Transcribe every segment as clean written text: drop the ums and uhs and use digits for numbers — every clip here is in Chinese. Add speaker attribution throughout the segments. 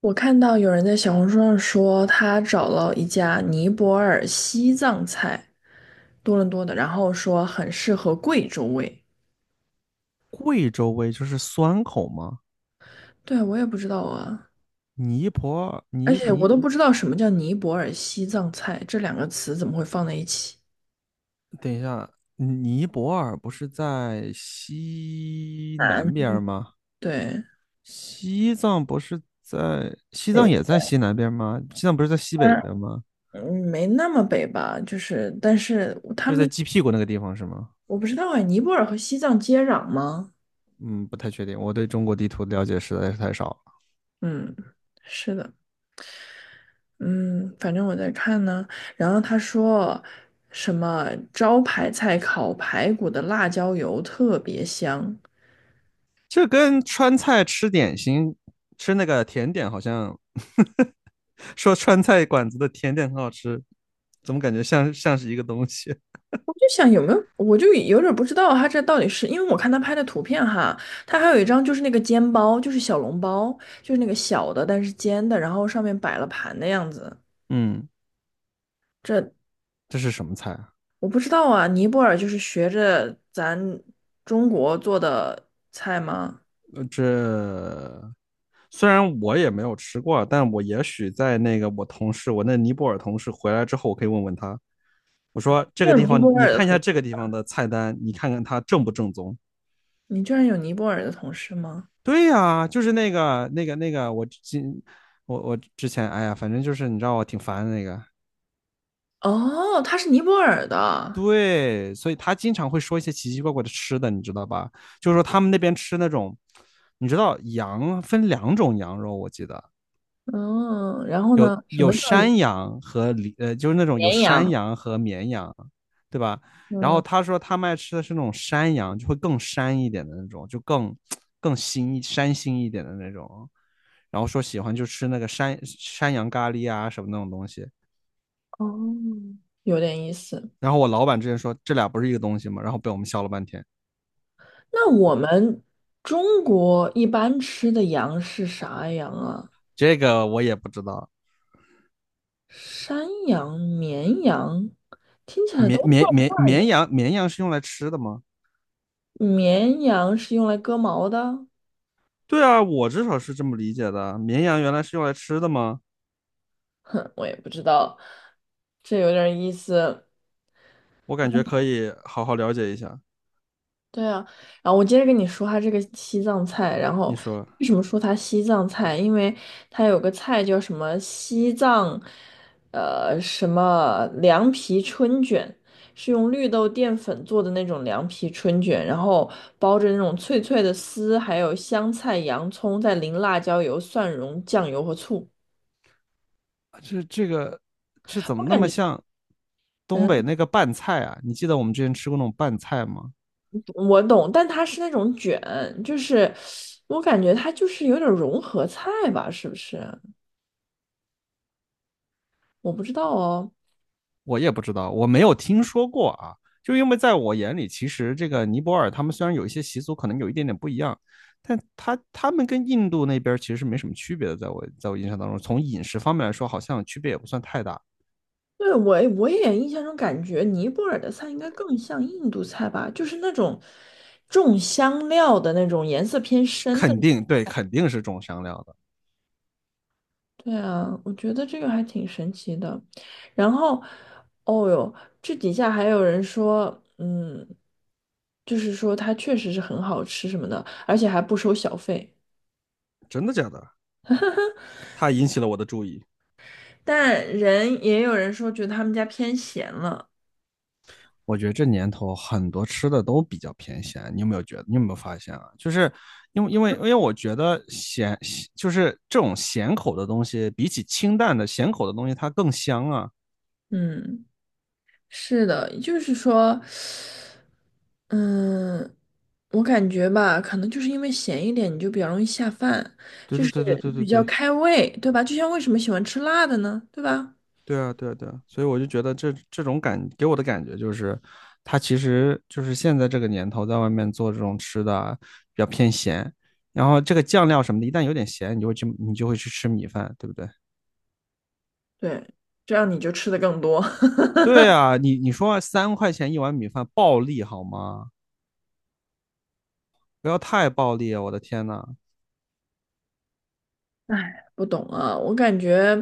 Speaker 1: 我看到有人在小红书上说，他找了一家尼泊尔西藏菜，多伦多的，然后说很适合贵州味。
Speaker 2: 贵州味就是酸口吗？
Speaker 1: 对，我也不知道啊。
Speaker 2: 尼泊尔，
Speaker 1: 而且我都不知道什么叫尼泊尔西藏菜，这两个词怎么会放在一起？
Speaker 2: 等一下，尼泊尔不是在西南
Speaker 1: 南，
Speaker 2: 边吗？
Speaker 1: 对，
Speaker 2: 西藏不是在，西藏
Speaker 1: 对，
Speaker 2: 也在西南边吗？西藏不是在西北
Speaker 1: 它
Speaker 2: 边吗？
Speaker 1: 没那么北吧，就是，但是他
Speaker 2: 就是在
Speaker 1: 们
Speaker 2: 鸡屁股那个地方是吗？
Speaker 1: 我不知道哎，尼泊尔和西藏接壤吗？
Speaker 2: 嗯，不太确定，我对中国地图了解实在是太少了。
Speaker 1: 嗯，是的。嗯，反正我在看呢。然后他说什么招牌菜烤排骨的辣椒油特别香。
Speaker 2: 这跟川菜吃点心、吃那个甜点好像，说川菜馆子的甜点很好吃，怎么感觉像是一个东西？
Speaker 1: 我就想有没有，我就有点儿不知道他这到底是，因为我看他拍的图片哈，他还有一张就是那个煎包，就是小笼包，就是那个小的但是煎的，然后上面摆了盘的样子。
Speaker 2: 嗯，
Speaker 1: 这
Speaker 2: 这是什么菜啊？
Speaker 1: 我不知道啊，尼泊尔就是学着咱中国做的菜吗？
Speaker 2: 呃这虽然我也没有吃过，但我也许在那个我同事，我那尼泊尔同事回来之后，我可以问问他，我说这
Speaker 1: 你
Speaker 2: 个
Speaker 1: 有
Speaker 2: 地
Speaker 1: 尼
Speaker 2: 方，
Speaker 1: 泊
Speaker 2: 你
Speaker 1: 尔的
Speaker 2: 看一下
Speaker 1: 同，
Speaker 2: 这个地方的菜单，你看看它正不正宗。
Speaker 1: 你居然有尼泊尔的同事吗？
Speaker 2: 对呀，就是那个，我之前，哎呀，反正就是你知道我挺烦的那个。
Speaker 1: 哦，它是尼泊尔的。
Speaker 2: 对，所以他经常会说一些奇奇怪怪的吃的，你知道吧？就是说他们那边吃那种，你知道羊分2种羊肉，我记得。
Speaker 1: 嗯，然后
Speaker 2: 有
Speaker 1: 呢，什么
Speaker 2: 有
Speaker 1: 叫
Speaker 2: 山羊和呃，就是那种有
Speaker 1: 绵
Speaker 2: 山
Speaker 1: 羊？
Speaker 2: 羊和绵羊，对吧？然后
Speaker 1: 嗯，
Speaker 2: 他说他们爱吃的是那种山羊，就会更膻一点的那种，就更膻腥一点的那种。然后说喜欢就吃那个山羊咖喱啊什么那种东西。
Speaker 1: 哦，有点意思。
Speaker 2: 然后我老板之前说这俩不是一个东西吗？然后被我们笑了半天。
Speaker 1: 那我们中国一般吃的羊是啥羊啊？
Speaker 2: 这个我也不知道，
Speaker 1: 山羊、绵羊，听起来
Speaker 2: 绵
Speaker 1: 都怪
Speaker 2: 绵绵绵
Speaker 1: 的。
Speaker 2: 羊绵羊是用来吃的吗？
Speaker 1: 绵羊是用来割毛的？
Speaker 2: 对啊，我至少是这么理解的。绵羊原来是用来吃的吗？
Speaker 1: 哼，我也不知道，这有点意思。
Speaker 2: 我感觉可以好好了解一下。
Speaker 1: 对啊，然后我接着跟你说它这个西藏菜。然
Speaker 2: 你
Speaker 1: 后
Speaker 2: 说
Speaker 1: 为什么说它西藏菜？因为它有个菜叫什么西藏，什么凉皮春卷，是用绿豆淀粉做的那种凉皮春卷，然后包着那种脆脆的丝，还有香菜、洋葱，再淋辣椒油、蒜蓉、酱油和醋。
Speaker 2: 这这个这怎
Speaker 1: 我
Speaker 2: 么那
Speaker 1: 感
Speaker 2: 么
Speaker 1: 觉，
Speaker 2: 像东北
Speaker 1: 嗯，
Speaker 2: 那个拌菜啊？你记得我们之前吃过那种拌菜吗？
Speaker 1: 我懂，但它是那种卷，就是我感觉它就是有点融合菜吧，是不是？我不知道哦。
Speaker 2: 我也不知道，我没有听说过啊。就因为在我眼里，其实这个尼泊尔他们虽然有一些习俗可能有一点点不一样，但他们跟印度那边其实是没什么区别的。在我印象当中，从饮食方面来说，好像区别也不算太大。
Speaker 1: 对，我也印象中感觉尼泊尔的菜应该更像印度菜吧，就是那种重香料的那种，颜色偏深的。
Speaker 2: 肯定对，肯定是中香料的，
Speaker 1: 对啊，我觉得这个还挺神奇的。然后，哦哟，这底下还有人说，嗯，就是说它确实是很好吃什么的，而且还不收小费。
Speaker 2: 真的假的？它引起了我的注意。
Speaker 1: 但人也有人说觉得他们家偏咸了。
Speaker 2: 我觉得这年头很多吃的都比较偏咸，你有没有觉得？你有没有发现啊？就是因为我觉得咸就是这种咸口的东西，比起清淡的咸口的东西，它更香啊！
Speaker 1: 嗯，是的，就是说。嗯，我感觉吧，可能就是因为咸一点，你就比较容易下饭，
Speaker 2: 对
Speaker 1: 就
Speaker 2: 对
Speaker 1: 是
Speaker 2: 对对对对
Speaker 1: 比较
Speaker 2: 对
Speaker 1: 开胃，对吧？就像为什么喜欢吃辣的呢？对吧？
Speaker 2: 对啊对啊对啊！所以我就觉得这种给我的感觉就是，它其实就是现在这个年头在外面做这种吃的啊比较偏咸，然后这个酱料什么的，一旦有点咸，你就会去吃米饭，对不对？
Speaker 1: 对，这样你就吃的更多。
Speaker 2: 对啊，你说3块钱一碗米饭暴利好吗？不要太暴利啊，我的天呐。
Speaker 1: 哎，不懂啊，我感觉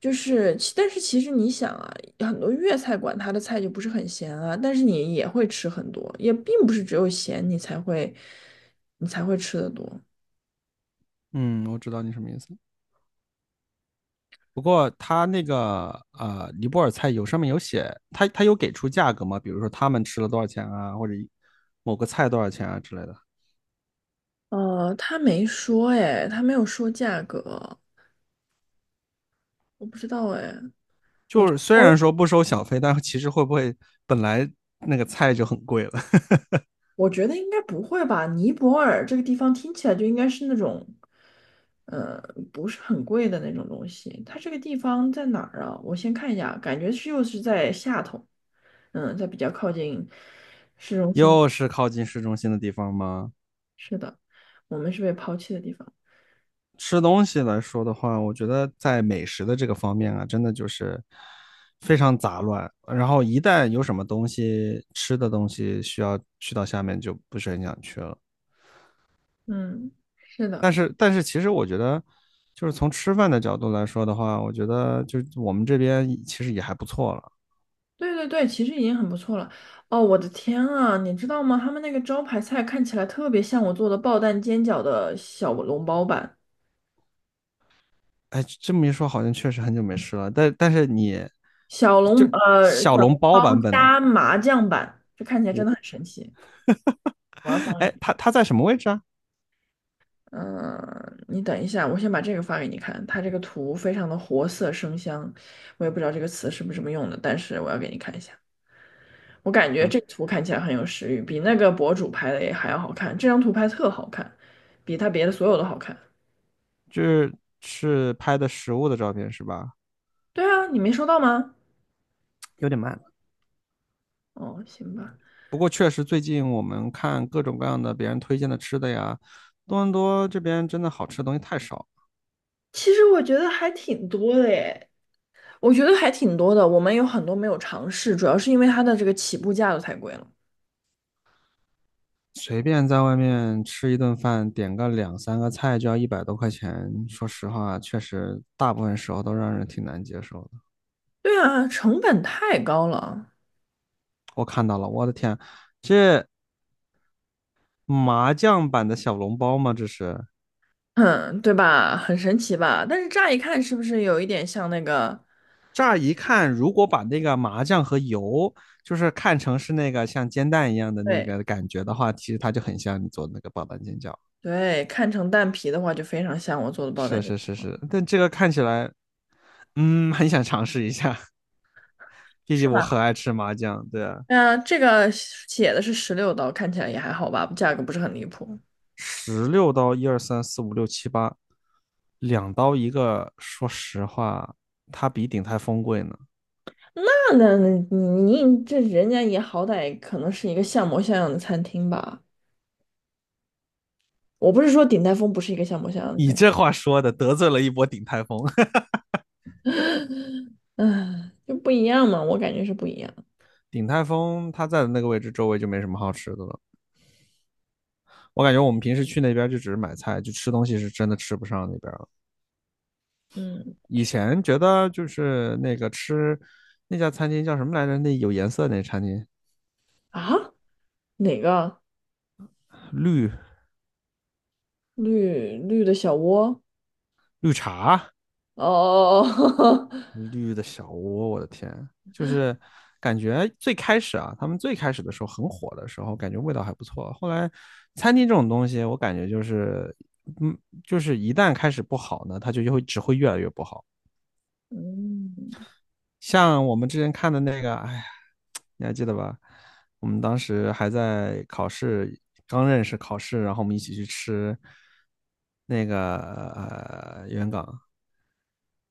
Speaker 1: 就是，但是其实你想啊，很多粤菜馆它的菜就不是很咸啊，但是你也会吃很多，也并不是只有咸你才会，你才会吃的多。
Speaker 2: 嗯，我知道你什么意思。不过他那个尼泊尔菜有上面有写，他有给出价格吗？比如说他们吃了多少钱啊，或者某个菜多少钱啊之类的。
Speaker 1: 他没说哎，他没有说价格，我不知道哎。
Speaker 2: 就是虽然说不收小费，但其实会不会本来那个菜就很贵了？
Speaker 1: 我觉得应该不会吧？尼泊尔这个地方听起来就应该是那种，呃，不是很贵的那种东西。它这个地方在哪儿啊？我先看一下，感觉是又是在下头。嗯，在比较靠近市 中心。
Speaker 2: 又是靠近市中心的地方吗？
Speaker 1: 是的，我们是被抛弃的地方。
Speaker 2: 吃东西来说的话，我觉得在美食的这个方面啊，真的就是非常杂乱。然后一旦有什么东西吃的东西需要去到下面，就不是很想去了。
Speaker 1: 嗯，是的。
Speaker 2: 但是，其实我觉得，就是从吃饭的角度来说的话，我觉得就我们这边其实也还不错了。
Speaker 1: 对对对，其实已经很不错了。哦，我的天啊，你知道吗？他们那个招牌菜看起来特别像我做的爆蛋煎饺的小笼包版。
Speaker 2: 哎，这么一说，好像确实很久没吃了。但是你就小
Speaker 1: 小
Speaker 2: 笼
Speaker 1: 笼
Speaker 2: 包
Speaker 1: 包
Speaker 2: 版本，
Speaker 1: 加麻酱版，这看起来真
Speaker 2: 我
Speaker 1: 的很神奇。我要发给
Speaker 2: 哎，
Speaker 1: 你。
Speaker 2: 它在什么位置啊？
Speaker 1: 嗯，你等一下，我先把这个发给你看，它这个图非常的活色生香，我也不知道这个词是不是这么用的，但是我要给你看一下。我感觉
Speaker 2: 嗯，
Speaker 1: 这个图看起来很有食欲，比那个博主拍的也还要好看。这张图拍特好看，比他别的所有都好看。
Speaker 2: 就是是拍的食物的照片是吧？
Speaker 1: 对啊，你没收到吗？
Speaker 2: 有点慢。
Speaker 1: 哦，行吧。
Speaker 2: 不过确实最近我们看各种各样的别人推荐的吃的呀，多伦多这边真的好吃的东西太少，
Speaker 1: 其实我觉得还挺多的耶。我觉得还挺多的，我们有很多没有尝试，主要是因为它的这个起步价都太贵了。
Speaker 2: 随便在外面吃一顿饭，点个两三个菜就要100多块钱。说实话，确实大部分时候都让人挺难接受的。
Speaker 1: 对啊，成本太高了。
Speaker 2: 我看到了，我的天，这麻酱版的小笼包吗？这是。
Speaker 1: 嗯，对吧？很神奇吧？但是乍一看是不是有一点像那个？
Speaker 2: 乍一看，如果把那个麻酱和油，就是看成是那个像煎蛋一样的那
Speaker 1: 对
Speaker 2: 个感觉的话，其实它就很像你做的那个爆蛋煎饺。
Speaker 1: 对，看成蛋皮的话就非常像我做的爆蛋
Speaker 2: 是
Speaker 1: 卷，
Speaker 2: 是是是，但这个看起来，很想尝试一下，毕
Speaker 1: 是
Speaker 2: 竟我
Speaker 1: 吧？
Speaker 2: 很爱吃麻酱。对啊，
Speaker 1: 嗯，这个写的是16刀，看起来也还好吧，价格不是很离谱。
Speaker 2: 16刀，一二三四五六七八，2刀一个。说实话，它比鼎泰丰贵呢。
Speaker 1: 那你这人家也好歹可能是一个像模像样的餐厅吧？我不是说鼎泰丰不是一个像模像样的
Speaker 2: 你
Speaker 1: 餐厅。
Speaker 2: 这话说的得罪了一波鼎泰丰，
Speaker 1: 嗯，就不一样嘛，我感觉是不一样。
Speaker 2: 鼎泰丰它在的那个位置周围就没什么好吃的了。我感觉我们平时去那边就只是买菜，就吃东西是真的吃不上那边了。
Speaker 1: 嗯，
Speaker 2: 以
Speaker 1: 去
Speaker 2: 前觉得就是那个那家餐厅叫什么来着？那有颜色那餐厅。
Speaker 1: 啊，哪个
Speaker 2: 绿
Speaker 1: 绿绿的小窝？
Speaker 2: 绿茶，
Speaker 1: 哦，
Speaker 2: 绿的小窝，我的天，就是感觉最开始啊，他们最开始的时候很火的时候，感觉味道还不错。后来餐厅这种东西，我感觉就是，嗯，就是一旦开始不好呢，它只会越来越不好。
Speaker 1: 嗯，
Speaker 2: 像我们之前看的那个，哎呀，你还记得吧？我们当时还在考试，刚认识考试，然后我们一起去吃那个元港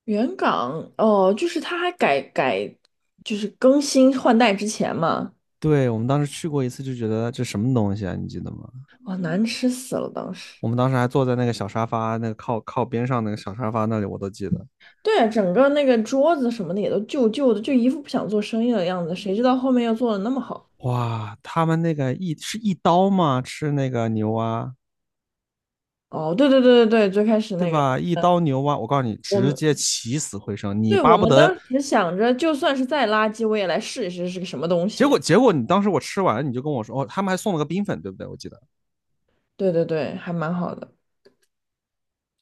Speaker 1: 原港哦，就是它还改改，就是更新换代之前嘛。
Speaker 2: 对，我们当时去过一次，就觉得这什么东西啊？你记得吗？
Speaker 1: 哇，难吃死了，当时。
Speaker 2: 我们当时还坐在那个小沙发，那个靠边上那个小沙发那里，我都记得。
Speaker 1: 对啊，整个那个桌子什么的也都旧旧的，就一副不想做生意的样子。谁知道后面又做的那么好？
Speaker 2: 哇，他们那个是一刀吗？吃那个牛蛙，
Speaker 1: 哦，对对对对对，最开始
Speaker 2: 对
Speaker 1: 那个，
Speaker 2: 吧？一刀牛蛙，我告诉你，
Speaker 1: 我
Speaker 2: 直
Speaker 1: 们
Speaker 2: 接起死回生，你
Speaker 1: 对，我
Speaker 2: 巴不
Speaker 1: 们
Speaker 2: 得。
Speaker 1: 当时想着，就算是再垃圾，我也来试一试是个什么东
Speaker 2: 结
Speaker 1: 西。
Speaker 2: 果结果你当时我吃完，你就跟我说，哦，他们还送了个冰粉，对不对？我记得
Speaker 1: 对对对，还蛮好的。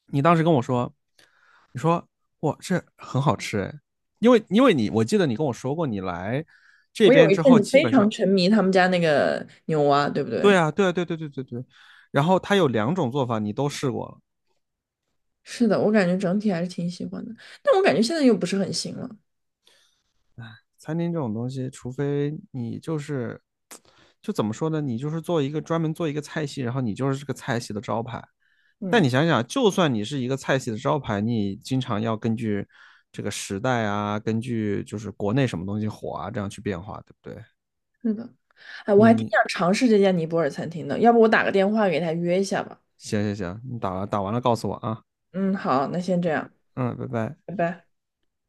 Speaker 2: 你当时跟我说，你说哇，这很好吃哎，因为我记得你跟我说过，你来这
Speaker 1: 我有
Speaker 2: 边
Speaker 1: 一
Speaker 2: 之
Speaker 1: 阵
Speaker 2: 后，
Speaker 1: 子
Speaker 2: 基
Speaker 1: 非
Speaker 2: 本
Speaker 1: 常
Speaker 2: 上
Speaker 1: 沉迷他们家那个牛蛙，对不
Speaker 2: 对
Speaker 1: 对？
Speaker 2: 啊，对啊，对对对对对。然后它有2种做法，你都试过了。
Speaker 1: 是的，我感觉整体还是挺喜欢的，但我感觉现在又不是很行了。
Speaker 2: 餐厅这种东西，除非你就是，就怎么说呢？你就是做一个专门做一个菜系，然后你就是这个菜系的招牌。但
Speaker 1: 嗯，
Speaker 2: 你想想，就算你是一个菜系的招牌，你经常要根据这个时代啊，根据就是国内什么东西火啊，这样去变化，对不对？
Speaker 1: 是的。哎，我
Speaker 2: 你
Speaker 1: 还挺
Speaker 2: 你
Speaker 1: 想尝试这家尼泊尔餐厅的，要不我打个电话给他约一下吧。
Speaker 2: 行行行，你打完了告诉我啊，
Speaker 1: 嗯，好，那先这样，
Speaker 2: 嗯，拜拜。
Speaker 1: 拜拜。